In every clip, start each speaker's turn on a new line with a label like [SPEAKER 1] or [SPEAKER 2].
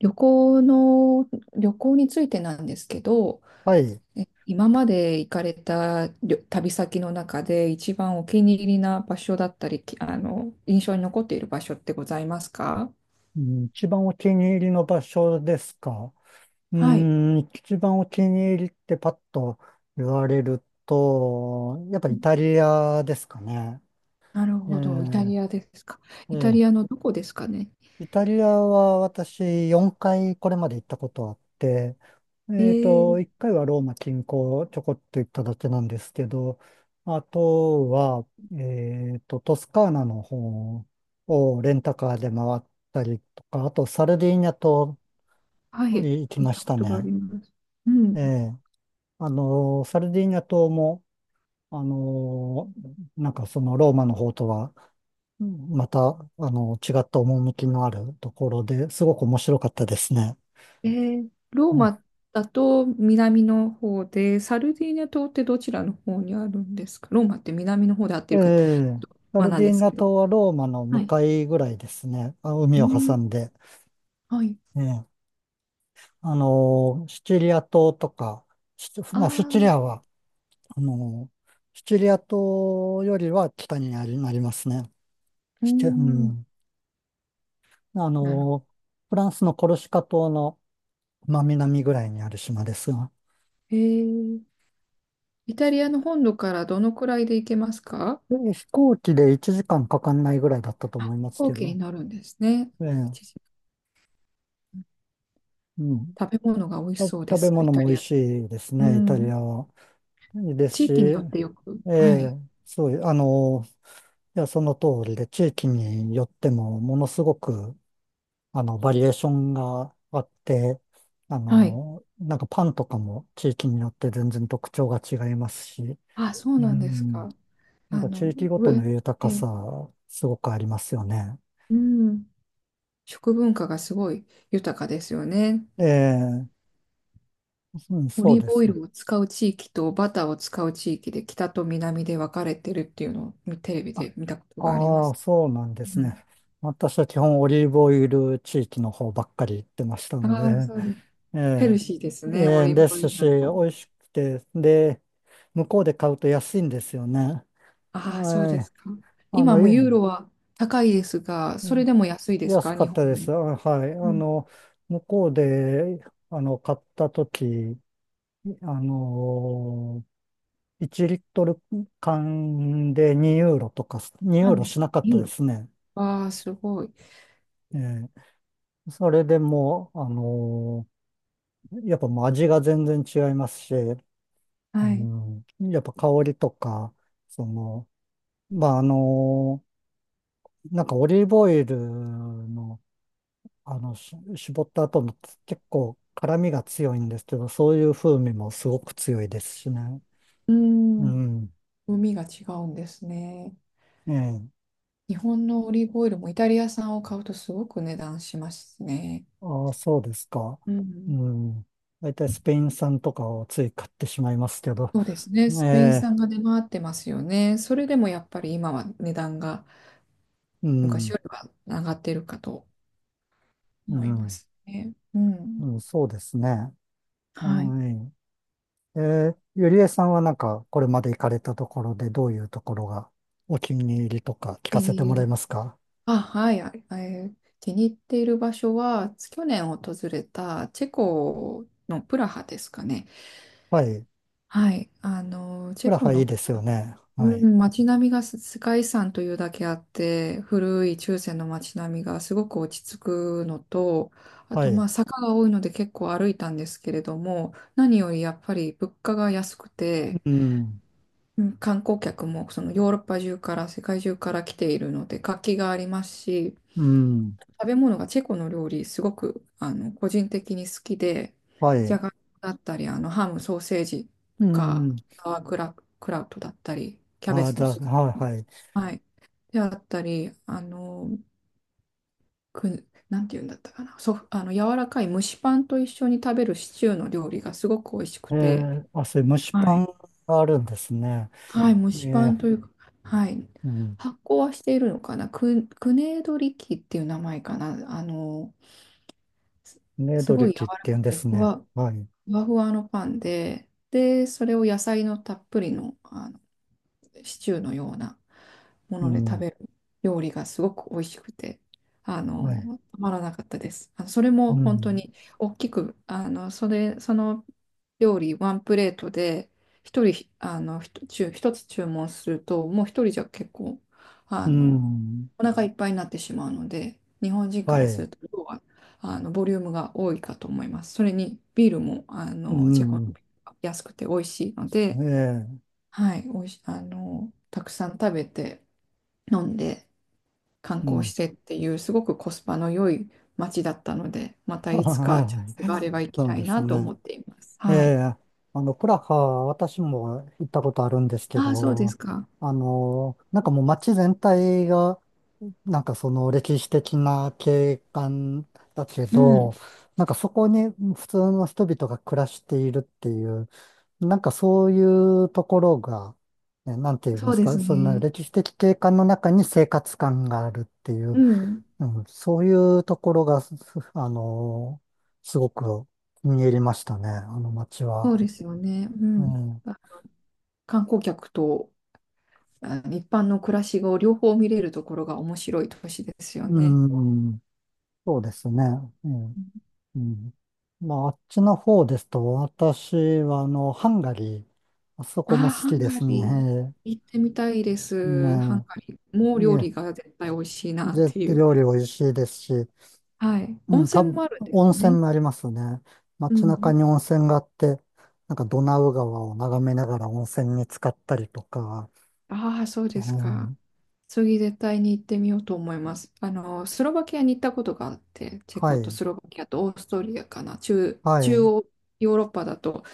[SPEAKER 1] 旅行の、旅行についてなんですけど、
[SPEAKER 2] はい。
[SPEAKER 1] 今まで行かれた旅先の中で一番お気に入りな場所だったり、きあの、印象に残っている場所ってございますか？
[SPEAKER 2] うん、一番お気に入りの場所ですか。う
[SPEAKER 1] はい。
[SPEAKER 2] ーん、一番お気に入りってパッと言われると、やっぱ
[SPEAKER 1] う
[SPEAKER 2] イ
[SPEAKER 1] ん。
[SPEAKER 2] タリアですかね。
[SPEAKER 1] なる
[SPEAKER 2] え
[SPEAKER 1] ほど。イタリアですか。
[SPEAKER 2] え、え
[SPEAKER 1] イタリ
[SPEAKER 2] え、
[SPEAKER 1] アのどこですかね？
[SPEAKER 2] イタリアは私4回これまで行ったことあって、
[SPEAKER 1] えー、
[SPEAKER 2] 1回はローマ近郊ちょこっと行っただけなんですけど、あとは、トスカーナの方をレンタカーで回ったりとか、あとサルディーニャ島
[SPEAKER 1] はい。
[SPEAKER 2] 行き
[SPEAKER 1] 聞い
[SPEAKER 2] ま
[SPEAKER 1] た
[SPEAKER 2] し
[SPEAKER 1] こ
[SPEAKER 2] た
[SPEAKER 1] とがあ
[SPEAKER 2] ね。
[SPEAKER 1] ります。うん。
[SPEAKER 2] ええ。サルディーニャ島も、あの、なんかそのローマの方とは、うん、また、違った趣のあるところですごく面白かったですね。
[SPEAKER 1] ロー
[SPEAKER 2] うん、
[SPEAKER 1] マだと南の方で、サルディーニャ島ってどちらの方にあるんですか？ローマって南の方で合って
[SPEAKER 2] え
[SPEAKER 1] るか？
[SPEAKER 2] え。サ
[SPEAKER 1] まあ
[SPEAKER 2] ル
[SPEAKER 1] なん
[SPEAKER 2] ディー
[SPEAKER 1] で
[SPEAKER 2] ニ
[SPEAKER 1] す
[SPEAKER 2] ャ
[SPEAKER 1] けど。
[SPEAKER 2] 島はローマの
[SPEAKER 1] は
[SPEAKER 2] 向
[SPEAKER 1] い。
[SPEAKER 2] かいぐらいですね。あ、
[SPEAKER 1] う
[SPEAKER 2] 海を
[SPEAKER 1] ん。
[SPEAKER 2] 挟んで。
[SPEAKER 1] はい。
[SPEAKER 2] ええ。シチリア島とか、
[SPEAKER 1] あ
[SPEAKER 2] シチリ
[SPEAKER 1] あ、
[SPEAKER 2] アは、あの、シチリア島よりは北になりますね。
[SPEAKER 1] う
[SPEAKER 2] う
[SPEAKER 1] ん。
[SPEAKER 2] ん。あ
[SPEAKER 1] なるほ
[SPEAKER 2] の、フランスのコルシカ島の真南ぐらいにある島ですが、
[SPEAKER 1] ど。イタリアの本土からどのくらいで行けますか？
[SPEAKER 2] で飛行機で1時間かかんないぐらいだったと
[SPEAKER 1] 飛
[SPEAKER 2] 思います
[SPEAKER 1] 行
[SPEAKER 2] け
[SPEAKER 1] 機に
[SPEAKER 2] ど、
[SPEAKER 1] なるんですね。
[SPEAKER 2] ええ、
[SPEAKER 1] 一時間。
[SPEAKER 2] うん。
[SPEAKER 1] 食べ物が美味しそうで
[SPEAKER 2] 食べ
[SPEAKER 1] す、イ
[SPEAKER 2] 物
[SPEAKER 1] タ
[SPEAKER 2] も美
[SPEAKER 1] リ
[SPEAKER 2] 味
[SPEAKER 1] ア。
[SPEAKER 2] しいです
[SPEAKER 1] う
[SPEAKER 2] ね、イタリ
[SPEAKER 1] ん。
[SPEAKER 2] アは。いいです
[SPEAKER 1] 地
[SPEAKER 2] し、
[SPEAKER 1] 域によっ
[SPEAKER 2] え
[SPEAKER 1] てよく。は
[SPEAKER 2] え、
[SPEAKER 1] い。
[SPEAKER 2] そうう、あの、いや、その通りで、地域によっても、ものすごく、バリエーションがあって、
[SPEAKER 1] はい。
[SPEAKER 2] なんかパンとかも地域によって全然特徴が違いますし、
[SPEAKER 1] あ、そう
[SPEAKER 2] う
[SPEAKER 1] なんです
[SPEAKER 2] ん。
[SPEAKER 1] か？
[SPEAKER 2] なん
[SPEAKER 1] あ
[SPEAKER 2] か
[SPEAKER 1] の、
[SPEAKER 2] 地域ご
[SPEAKER 1] う
[SPEAKER 2] との豊か
[SPEAKER 1] え、
[SPEAKER 2] さ、すごくありますよね。
[SPEAKER 1] うん。食文化がすごい豊かですよね。
[SPEAKER 2] ええ、うん、
[SPEAKER 1] オ
[SPEAKER 2] そう
[SPEAKER 1] リー
[SPEAKER 2] で
[SPEAKER 1] ブオ
[SPEAKER 2] す
[SPEAKER 1] イ
[SPEAKER 2] ね。
[SPEAKER 1] ルを使う地域とバターを使う地域で北と南で分かれてるっていうのをテレビ
[SPEAKER 2] あ、
[SPEAKER 1] で見たことがありま
[SPEAKER 2] ああ、
[SPEAKER 1] す。
[SPEAKER 2] そうなんで
[SPEAKER 1] う
[SPEAKER 2] すね。
[SPEAKER 1] ん。
[SPEAKER 2] 私は基本オリーブオイル地域の方ばっかり行ってましたの
[SPEAKER 1] ああ、
[SPEAKER 2] で、
[SPEAKER 1] そうです。
[SPEAKER 2] え
[SPEAKER 1] ヘルシーです
[SPEAKER 2] え、え
[SPEAKER 1] ね、オ
[SPEAKER 2] え、
[SPEAKER 1] リーブ
[SPEAKER 2] で
[SPEAKER 1] オイ
[SPEAKER 2] す
[SPEAKER 1] ル
[SPEAKER 2] し、
[SPEAKER 1] だ
[SPEAKER 2] 美
[SPEAKER 1] と。
[SPEAKER 2] 味しくて、で、向こうで買うと安いんですよね。
[SPEAKER 1] ああ、そうで
[SPEAKER 2] はい。
[SPEAKER 1] すか。
[SPEAKER 2] あ
[SPEAKER 1] 今
[SPEAKER 2] の、
[SPEAKER 1] も
[SPEAKER 2] え
[SPEAKER 1] ユーロは高いですが、それでも安いです
[SPEAKER 2] 安
[SPEAKER 1] か、
[SPEAKER 2] か
[SPEAKER 1] 日
[SPEAKER 2] っ
[SPEAKER 1] 本
[SPEAKER 2] たで
[SPEAKER 1] より？
[SPEAKER 2] す。あ、はい。
[SPEAKER 1] うん。
[SPEAKER 2] 向こうで、買ったとき、あの1リットル缶で2ユーロとか、2ユ
[SPEAKER 1] な
[SPEAKER 2] ー
[SPEAKER 1] ん
[SPEAKER 2] ロ
[SPEAKER 1] です
[SPEAKER 2] し
[SPEAKER 1] か、
[SPEAKER 2] なかった
[SPEAKER 1] ユー
[SPEAKER 2] で
[SPEAKER 1] ロ？
[SPEAKER 2] すね。
[SPEAKER 1] わあ、すごい。
[SPEAKER 2] えそれでもう、やっぱもう味が全然違いますし、う
[SPEAKER 1] はい。
[SPEAKER 2] ん、やっぱ香りとか、その、まあ、なんかオリーブオイルの、絞った後の結構辛みが強いんですけど、そういう風味もすごく強いですしね。
[SPEAKER 1] うー
[SPEAKER 2] う
[SPEAKER 1] ん、
[SPEAKER 2] ん。
[SPEAKER 1] 海が違うんですね。
[SPEAKER 2] ええ、
[SPEAKER 1] 日本のオリーブオイルもイタリア産を買うとすごく値段しますね。
[SPEAKER 2] ああ、そうですか。
[SPEAKER 1] う
[SPEAKER 2] う
[SPEAKER 1] ん。
[SPEAKER 2] ん。大体スペイン産とかをつい買ってしまいますけど。
[SPEAKER 1] そうですね。
[SPEAKER 2] え
[SPEAKER 1] スペイン
[SPEAKER 2] え、
[SPEAKER 1] 産が出回ってますよね。それでもやっぱり今は値段が
[SPEAKER 2] う
[SPEAKER 1] 昔
[SPEAKER 2] ん、
[SPEAKER 1] よりは上がってるかと
[SPEAKER 2] う
[SPEAKER 1] 思いま
[SPEAKER 2] ん、
[SPEAKER 1] すね。うん。
[SPEAKER 2] うん、そうですね。
[SPEAKER 1] はい。
[SPEAKER 2] はい。ええ、ゆりえさんはなんか、これまで行かれたところでどういうところがお気に入りとか聞か
[SPEAKER 1] 気
[SPEAKER 2] せ
[SPEAKER 1] に
[SPEAKER 2] て
[SPEAKER 1] 入
[SPEAKER 2] もらえ
[SPEAKER 1] り
[SPEAKER 2] ますか？
[SPEAKER 1] あ、はい。気に入っている場所は、去年訪れたチェコのプラハですかね。
[SPEAKER 2] はい。
[SPEAKER 1] はい。あの、チ
[SPEAKER 2] プ
[SPEAKER 1] ェ
[SPEAKER 2] ラ
[SPEAKER 1] コ
[SPEAKER 2] ハい
[SPEAKER 1] の
[SPEAKER 2] いで
[SPEAKER 1] プ
[SPEAKER 2] すよ
[SPEAKER 1] ラ
[SPEAKER 2] ね。は
[SPEAKER 1] う
[SPEAKER 2] い。
[SPEAKER 1] ん、街並みが世界遺産というだけあって、古い中世の街並みがすごく落ち着くのと、あ
[SPEAKER 2] は
[SPEAKER 1] と
[SPEAKER 2] い。
[SPEAKER 1] まあ坂が多いので結構歩いたんですけれども、何よりやっぱり物価が安くて、
[SPEAKER 2] うん、
[SPEAKER 1] うん観光客もそのヨーロッパ中から世界中から来ているので活気がありますし、
[SPEAKER 2] うん、
[SPEAKER 1] 食べ物がチェコの料理、すごく個人的に好きで、
[SPEAKER 2] は
[SPEAKER 1] じゃ
[SPEAKER 2] い。
[SPEAKER 1] がいもだったり、ハム、ソーセージと
[SPEAKER 2] う
[SPEAKER 1] か、
[SPEAKER 2] ん。
[SPEAKER 1] サワークラ、クラウトだったり、キャベ
[SPEAKER 2] ああ、
[SPEAKER 1] ツ
[SPEAKER 2] じ
[SPEAKER 1] の
[SPEAKER 2] ゃあ、
[SPEAKER 1] スー
[SPEAKER 2] は
[SPEAKER 1] プ。
[SPEAKER 2] い、はい。
[SPEAKER 1] はい。であったり、なんていうんだったかな、そ、あの柔らかい蒸しパンと一緒に食べるシチューの料理がすごく美味し
[SPEAKER 2] え
[SPEAKER 1] くて、
[SPEAKER 2] え、あ、そういう蒸し
[SPEAKER 1] は
[SPEAKER 2] パ
[SPEAKER 1] い、
[SPEAKER 2] ンがあるんですね。
[SPEAKER 1] はい、蒸
[SPEAKER 2] え
[SPEAKER 1] しパ
[SPEAKER 2] え、
[SPEAKER 1] ンというか、はい、
[SPEAKER 2] うん、
[SPEAKER 1] 発酵はしているのかな、クネードリキっていう名前かな、あの、す、
[SPEAKER 2] ね
[SPEAKER 1] す
[SPEAKER 2] どり
[SPEAKER 1] ごい柔
[SPEAKER 2] き
[SPEAKER 1] ら
[SPEAKER 2] って言
[SPEAKER 1] か
[SPEAKER 2] うん
[SPEAKER 1] く
[SPEAKER 2] で
[SPEAKER 1] て
[SPEAKER 2] すね。はい。
[SPEAKER 1] ふわふわのパンで、で、それを野菜のたっぷりの、シチューのようなも
[SPEAKER 2] う
[SPEAKER 1] ので食
[SPEAKER 2] ん。
[SPEAKER 1] べる料理がすごく美味しくて、
[SPEAKER 2] はい。
[SPEAKER 1] たまらなかったです。それも
[SPEAKER 2] う
[SPEAKER 1] 本当
[SPEAKER 2] ん。
[SPEAKER 1] に大きく、その料理ワンプレートで、一人、ひと注一つ注文すると、もう一人じゃ結構、あ
[SPEAKER 2] う
[SPEAKER 1] の、
[SPEAKER 2] ん。
[SPEAKER 1] お腹いっぱいになってしまうので、日本人か
[SPEAKER 2] は
[SPEAKER 1] らす
[SPEAKER 2] い。
[SPEAKER 1] ると、量は、ボリュームが多いかと思います。それに、ビールも、
[SPEAKER 2] う
[SPEAKER 1] チェコの
[SPEAKER 2] ん。
[SPEAKER 1] 安くて美味しいの
[SPEAKER 2] え
[SPEAKER 1] で、
[SPEAKER 2] え。
[SPEAKER 1] はい、おいし、あの、たくさん食べて、飲んで、観
[SPEAKER 2] う
[SPEAKER 1] 光
[SPEAKER 2] ん。
[SPEAKER 1] してっていう、すごくコスパの良い街だったので、ま たいつかチャン
[SPEAKER 2] は
[SPEAKER 1] スがあ
[SPEAKER 2] い。
[SPEAKER 1] れば行き
[SPEAKER 2] そう
[SPEAKER 1] た
[SPEAKER 2] で
[SPEAKER 1] い
[SPEAKER 2] す
[SPEAKER 1] なと
[SPEAKER 2] ね。
[SPEAKER 1] 思っています。
[SPEAKER 2] え
[SPEAKER 1] はい。
[SPEAKER 2] え。プラハ、私も行ったことあるんですけ
[SPEAKER 1] ああ、そうです
[SPEAKER 2] ど、
[SPEAKER 1] か。
[SPEAKER 2] なんかもう街全体が、なんかその歴史的な景観だけ
[SPEAKER 1] う
[SPEAKER 2] ど、
[SPEAKER 1] ん、
[SPEAKER 2] なんかそこに普通の人々が暮らしているっていう、なんかそういうところが、ねなんて言いま
[SPEAKER 1] そう
[SPEAKER 2] す
[SPEAKER 1] で
[SPEAKER 2] か、
[SPEAKER 1] す
[SPEAKER 2] そんな
[SPEAKER 1] ね。
[SPEAKER 2] 歴史的景観の中に生活感があるっていう、
[SPEAKER 1] うん、
[SPEAKER 2] うん、そういうところが、すあのーすごく気に入りましたね、あの街
[SPEAKER 1] そう
[SPEAKER 2] は。
[SPEAKER 1] ですよね。う
[SPEAKER 2] う
[SPEAKER 1] ん。
[SPEAKER 2] ん、
[SPEAKER 1] 観光客と一般の暮らしを両方見れるところが面白い都市ですよ
[SPEAKER 2] う
[SPEAKER 1] ね。
[SPEAKER 2] ん、そうですね。うん、うん。まあ、あっちの方ですと、私はハンガリー、あそ
[SPEAKER 1] あ
[SPEAKER 2] こも
[SPEAKER 1] あ、
[SPEAKER 2] 好
[SPEAKER 1] ハ
[SPEAKER 2] き
[SPEAKER 1] ン
[SPEAKER 2] で
[SPEAKER 1] ガ
[SPEAKER 2] す
[SPEAKER 1] リー、
[SPEAKER 2] ね。
[SPEAKER 1] 行ってみたいです。ハン
[SPEAKER 2] ね
[SPEAKER 1] ガリーもう料
[SPEAKER 2] え、
[SPEAKER 1] 理が絶対美味しいなっ
[SPEAKER 2] で、
[SPEAKER 1] ていう。
[SPEAKER 2] 料理美味しいですし、
[SPEAKER 1] はい。
[SPEAKER 2] う
[SPEAKER 1] 温
[SPEAKER 2] ん、多
[SPEAKER 1] 泉
[SPEAKER 2] 分、
[SPEAKER 1] もあるんで
[SPEAKER 2] 温
[SPEAKER 1] すよ
[SPEAKER 2] 泉
[SPEAKER 1] ね。
[SPEAKER 2] もありますね。
[SPEAKER 1] う
[SPEAKER 2] 街中
[SPEAKER 1] ん。
[SPEAKER 2] に温泉があって、なんかドナウ川を眺めながら温泉に浸かったりとか、
[SPEAKER 1] ああ、そう
[SPEAKER 2] え
[SPEAKER 1] ですか。
[SPEAKER 2] ー
[SPEAKER 1] 次絶対に行ってみようと思います。スロバキアに行ったことがあって、チェ
[SPEAKER 2] は
[SPEAKER 1] コと
[SPEAKER 2] い、
[SPEAKER 1] スロバキアとオーストリアかな。
[SPEAKER 2] は
[SPEAKER 1] 中
[SPEAKER 2] い、
[SPEAKER 1] 央ヨーロッパだと、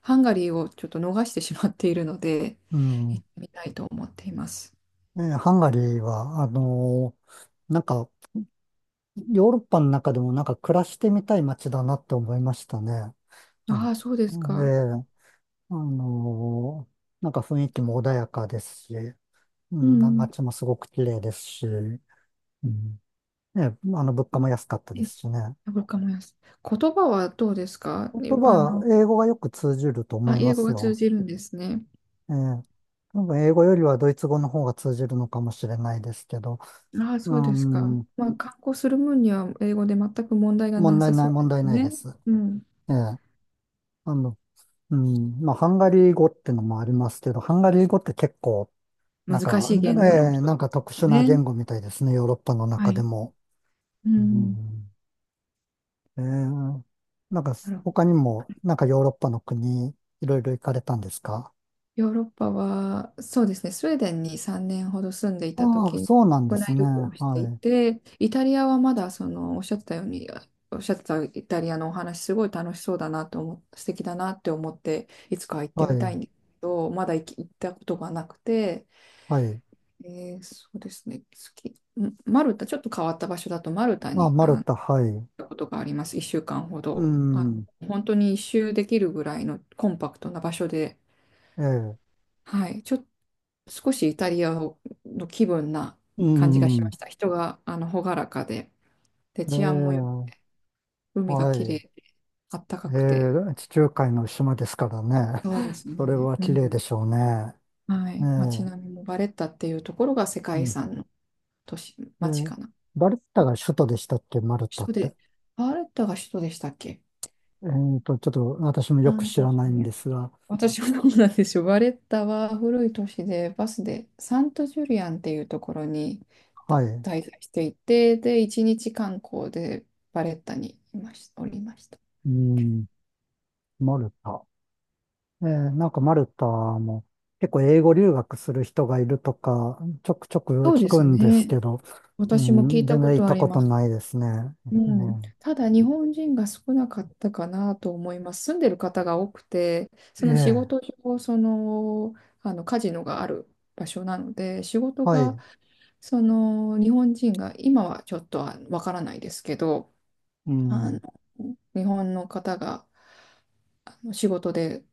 [SPEAKER 1] ハンガリーをちょっと逃してしまっているので、
[SPEAKER 2] うん。
[SPEAKER 1] 行ってみたいと思っています。
[SPEAKER 2] ハンガリーは、なんか、ヨーロッパの中でもなんか暮らしてみたい街だなって思いましたね。
[SPEAKER 1] あ
[SPEAKER 2] は
[SPEAKER 1] あ、そうで
[SPEAKER 2] い。
[SPEAKER 1] すか。
[SPEAKER 2] ーあのーなんか雰囲気も穏やかですし、う
[SPEAKER 1] う
[SPEAKER 2] ん、
[SPEAKER 1] ん。
[SPEAKER 2] 街もすごく綺麗ですし、うん、ね、物価も安かったで
[SPEAKER 1] え
[SPEAKER 2] すしね。
[SPEAKER 1] わかります。言葉はどうですか
[SPEAKER 2] 言
[SPEAKER 1] ね？
[SPEAKER 2] 葉、英語がよく通じると思
[SPEAKER 1] あ、
[SPEAKER 2] いま
[SPEAKER 1] 英語
[SPEAKER 2] す
[SPEAKER 1] が通
[SPEAKER 2] よ。
[SPEAKER 1] じるんですね。
[SPEAKER 2] ええ。多分英語よりはドイツ語の方が通じるのかもしれないですけど、
[SPEAKER 1] ああ、
[SPEAKER 2] う
[SPEAKER 1] そうですか。
[SPEAKER 2] ん、
[SPEAKER 1] まあ、観光する分には英語で全く問題が
[SPEAKER 2] 問
[SPEAKER 1] な
[SPEAKER 2] 題
[SPEAKER 1] さ
[SPEAKER 2] な
[SPEAKER 1] そ
[SPEAKER 2] い、
[SPEAKER 1] う
[SPEAKER 2] 問
[SPEAKER 1] で
[SPEAKER 2] 題
[SPEAKER 1] す
[SPEAKER 2] ないで
[SPEAKER 1] ね。
[SPEAKER 2] す。
[SPEAKER 1] うん。
[SPEAKER 2] ええ。あの、うん、まあ、ハンガリー語ってのもありますけど、ハンガリー語って結構、なん
[SPEAKER 1] 難
[SPEAKER 2] か、
[SPEAKER 1] しい言語の
[SPEAKER 2] ええ、
[SPEAKER 1] 人
[SPEAKER 2] な
[SPEAKER 1] で
[SPEAKER 2] んか特
[SPEAKER 1] す
[SPEAKER 2] 殊な
[SPEAKER 1] ね。
[SPEAKER 2] 言語みたいですね、ヨーロッパの
[SPEAKER 1] は
[SPEAKER 2] 中で
[SPEAKER 1] い。
[SPEAKER 2] も。
[SPEAKER 1] う
[SPEAKER 2] う
[SPEAKER 1] ん。
[SPEAKER 2] ん、ええ。なんか、
[SPEAKER 1] なるほど。
[SPEAKER 2] 他にも、なんかヨーロッパの国、いろいろ行かれたんですか？
[SPEAKER 1] ヨーロッパは、そうですね、スウェーデンに3年ほど住んでいた
[SPEAKER 2] ああ、
[SPEAKER 1] 時に
[SPEAKER 2] そうなんで
[SPEAKER 1] 国
[SPEAKER 2] す
[SPEAKER 1] 内
[SPEAKER 2] ね。
[SPEAKER 1] 旅行をしてい
[SPEAKER 2] は
[SPEAKER 1] て、イタリアはまだそのおっしゃってたように、おっしゃってたイタリアのお話、すごい楽しそうだなと素敵だなって思って、いつか行っ
[SPEAKER 2] い。
[SPEAKER 1] て
[SPEAKER 2] は
[SPEAKER 1] みたい
[SPEAKER 2] い。
[SPEAKER 1] んですけど、まだ行ったことがなくて、
[SPEAKER 2] はい。
[SPEAKER 1] そうですね。マルタ、ちょっと変わった場所だと、マルタ
[SPEAKER 2] まあ、
[SPEAKER 1] に
[SPEAKER 2] マル
[SPEAKER 1] 行っ
[SPEAKER 2] タ、はい。
[SPEAKER 1] たことがあります。1週間ほ
[SPEAKER 2] う
[SPEAKER 1] ど。
[SPEAKER 2] ん、
[SPEAKER 1] 本当に一周できるぐらいのコンパクトな場所で、
[SPEAKER 2] ええ、
[SPEAKER 1] はい、ちょっと少しイタリアをの気分な
[SPEAKER 2] う
[SPEAKER 1] 感じがしま
[SPEAKER 2] ん、
[SPEAKER 1] した。人が朗らかで、で、
[SPEAKER 2] え
[SPEAKER 1] 治安もよく、
[SPEAKER 2] え、
[SPEAKER 1] 海が
[SPEAKER 2] は
[SPEAKER 1] 綺麗
[SPEAKER 2] い。
[SPEAKER 1] で、あったかくて、
[SPEAKER 2] ええ、地中海の島ですからね。
[SPEAKER 1] そうです
[SPEAKER 2] それ
[SPEAKER 1] ね。
[SPEAKER 2] は
[SPEAKER 1] う
[SPEAKER 2] 綺
[SPEAKER 1] ん、
[SPEAKER 2] 麗でしょうね。
[SPEAKER 1] は
[SPEAKER 2] え
[SPEAKER 1] い、街
[SPEAKER 2] え、
[SPEAKER 1] 並みもバレッタっていうところが世
[SPEAKER 2] う
[SPEAKER 1] 界遺
[SPEAKER 2] ん、
[SPEAKER 1] 産の都市、
[SPEAKER 2] え
[SPEAKER 1] 街
[SPEAKER 2] え、
[SPEAKER 1] かな。
[SPEAKER 2] バルタ
[SPEAKER 1] 首
[SPEAKER 2] が首都でしたっけ、マルタっ
[SPEAKER 1] 都
[SPEAKER 2] て。
[SPEAKER 1] で、バレッタが首都でしたっけ？
[SPEAKER 2] えっと、ちょっと私もよく
[SPEAKER 1] 三
[SPEAKER 2] 知
[SPEAKER 1] 都
[SPEAKER 2] ら
[SPEAKER 1] 市
[SPEAKER 2] ないん
[SPEAKER 1] ね。
[SPEAKER 2] ですが、
[SPEAKER 1] 私はどうなんでしょう。バレッタは古い都市で、バスでサントジュリアンっていうところにた
[SPEAKER 2] はい。
[SPEAKER 1] 滞在していて、で、一日観光でバレッタにいまし、おりました。
[SPEAKER 2] うん、マルタ。ええ、なんかマルタも結構英語留学する人がいるとか、ちょくちょく
[SPEAKER 1] そう
[SPEAKER 2] 聞
[SPEAKER 1] で
[SPEAKER 2] く
[SPEAKER 1] す
[SPEAKER 2] んです
[SPEAKER 1] ね。
[SPEAKER 2] けど、う
[SPEAKER 1] 私も聞い
[SPEAKER 2] ん、
[SPEAKER 1] た
[SPEAKER 2] 全
[SPEAKER 1] こ
[SPEAKER 2] 然行っ
[SPEAKER 1] とあ
[SPEAKER 2] た
[SPEAKER 1] り
[SPEAKER 2] こ
[SPEAKER 1] ま
[SPEAKER 2] と
[SPEAKER 1] す。
[SPEAKER 2] ないですね。
[SPEAKER 1] うん、
[SPEAKER 2] ね、
[SPEAKER 1] ただ日本人が少なかったかなと思います。住んでる方が多くて、
[SPEAKER 2] え
[SPEAKER 1] その仕
[SPEAKER 2] え、
[SPEAKER 1] 事上、カジノがある場所なので、仕事
[SPEAKER 2] は
[SPEAKER 1] が
[SPEAKER 2] い、
[SPEAKER 1] その日本人が今はちょっとはわからないですけど
[SPEAKER 2] う
[SPEAKER 1] あの
[SPEAKER 2] ん、
[SPEAKER 1] 日本の方が仕事で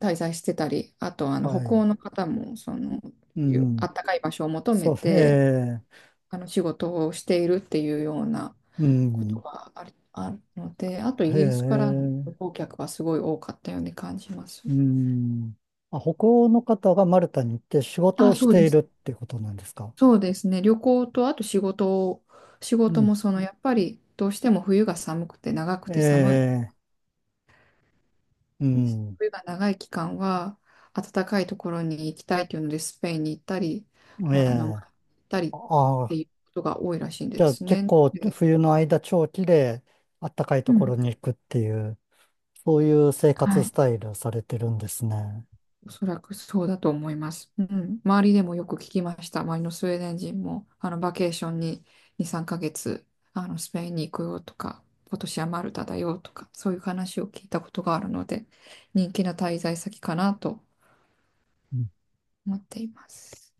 [SPEAKER 1] 滞在してたりあと
[SPEAKER 2] は
[SPEAKER 1] 北
[SPEAKER 2] い、
[SPEAKER 1] 欧の方もその
[SPEAKER 2] う
[SPEAKER 1] あ
[SPEAKER 2] ん、
[SPEAKER 1] ったかい場所を求め
[SPEAKER 2] そう、
[SPEAKER 1] て
[SPEAKER 2] ええ、
[SPEAKER 1] 仕事をしているっていうような
[SPEAKER 2] う
[SPEAKER 1] こと
[SPEAKER 2] ん、
[SPEAKER 1] があるのであとイ
[SPEAKER 2] え
[SPEAKER 1] ギリスからの旅
[SPEAKER 2] え、
[SPEAKER 1] 行客はすごい多かったように感じます。
[SPEAKER 2] うん。あ、北欧の方がマルタに行って仕事
[SPEAKER 1] あ、
[SPEAKER 2] をし
[SPEAKER 1] そうで
[SPEAKER 2] ている
[SPEAKER 1] す。
[SPEAKER 2] っていうことなんですか？
[SPEAKER 1] そうですね。旅行とあと仕
[SPEAKER 2] う
[SPEAKER 1] 事
[SPEAKER 2] ん、
[SPEAKER 1] もそのやっぱりどうしても冬が寒くて長く
[SPEAKER 2] え
[SPEAKER 1] て寒い
[SPEAKER 2] え、うん、
[SPEAKER 1] 冬が長い期間は暖かいところに行きたいというのでスペインに行ったり、
[SPEAKER 2] え
[SPEAKER 1] 行っ
[SPEAKER 2] え、
[SPEAKER 1] たりって
[SPEAKER 2] あ、
[SPEAKER 1] いうことが多いらしいん
[SPEAKER 2] じ
[SPEAKER 1] で
[SPEAKER 2] ゃあ
[SPEAKER 1] す
[SPEAKER 2] 結
[SPEAKER 1] ね。
[SPEAKER 2] 構
[SPEAKER 1] で、
[SPEAKER 2] 冬の間長期であったかい
[SPEAKER 1] う
[SPEAKER 2] ところ
[SPEAKER 1] ん、
[SPEAKER 2] に行くっていう、そういう生
[SPEAKER 1] は
[SPEAKER 2] 活ス
[SPEAKER 1] い、
[SPEAKER 2] タイルされてるんですね。
[SPEAKER 1] おそらくそうだと思います。うん、周りでもよく聞きました。周りのスウェーデン人もバケーションに2、3ヶ月スペインに行くよとか、今年はマルタだよとか、そういう話を聞いたことがあるので、人気な滞在先かなと思っています。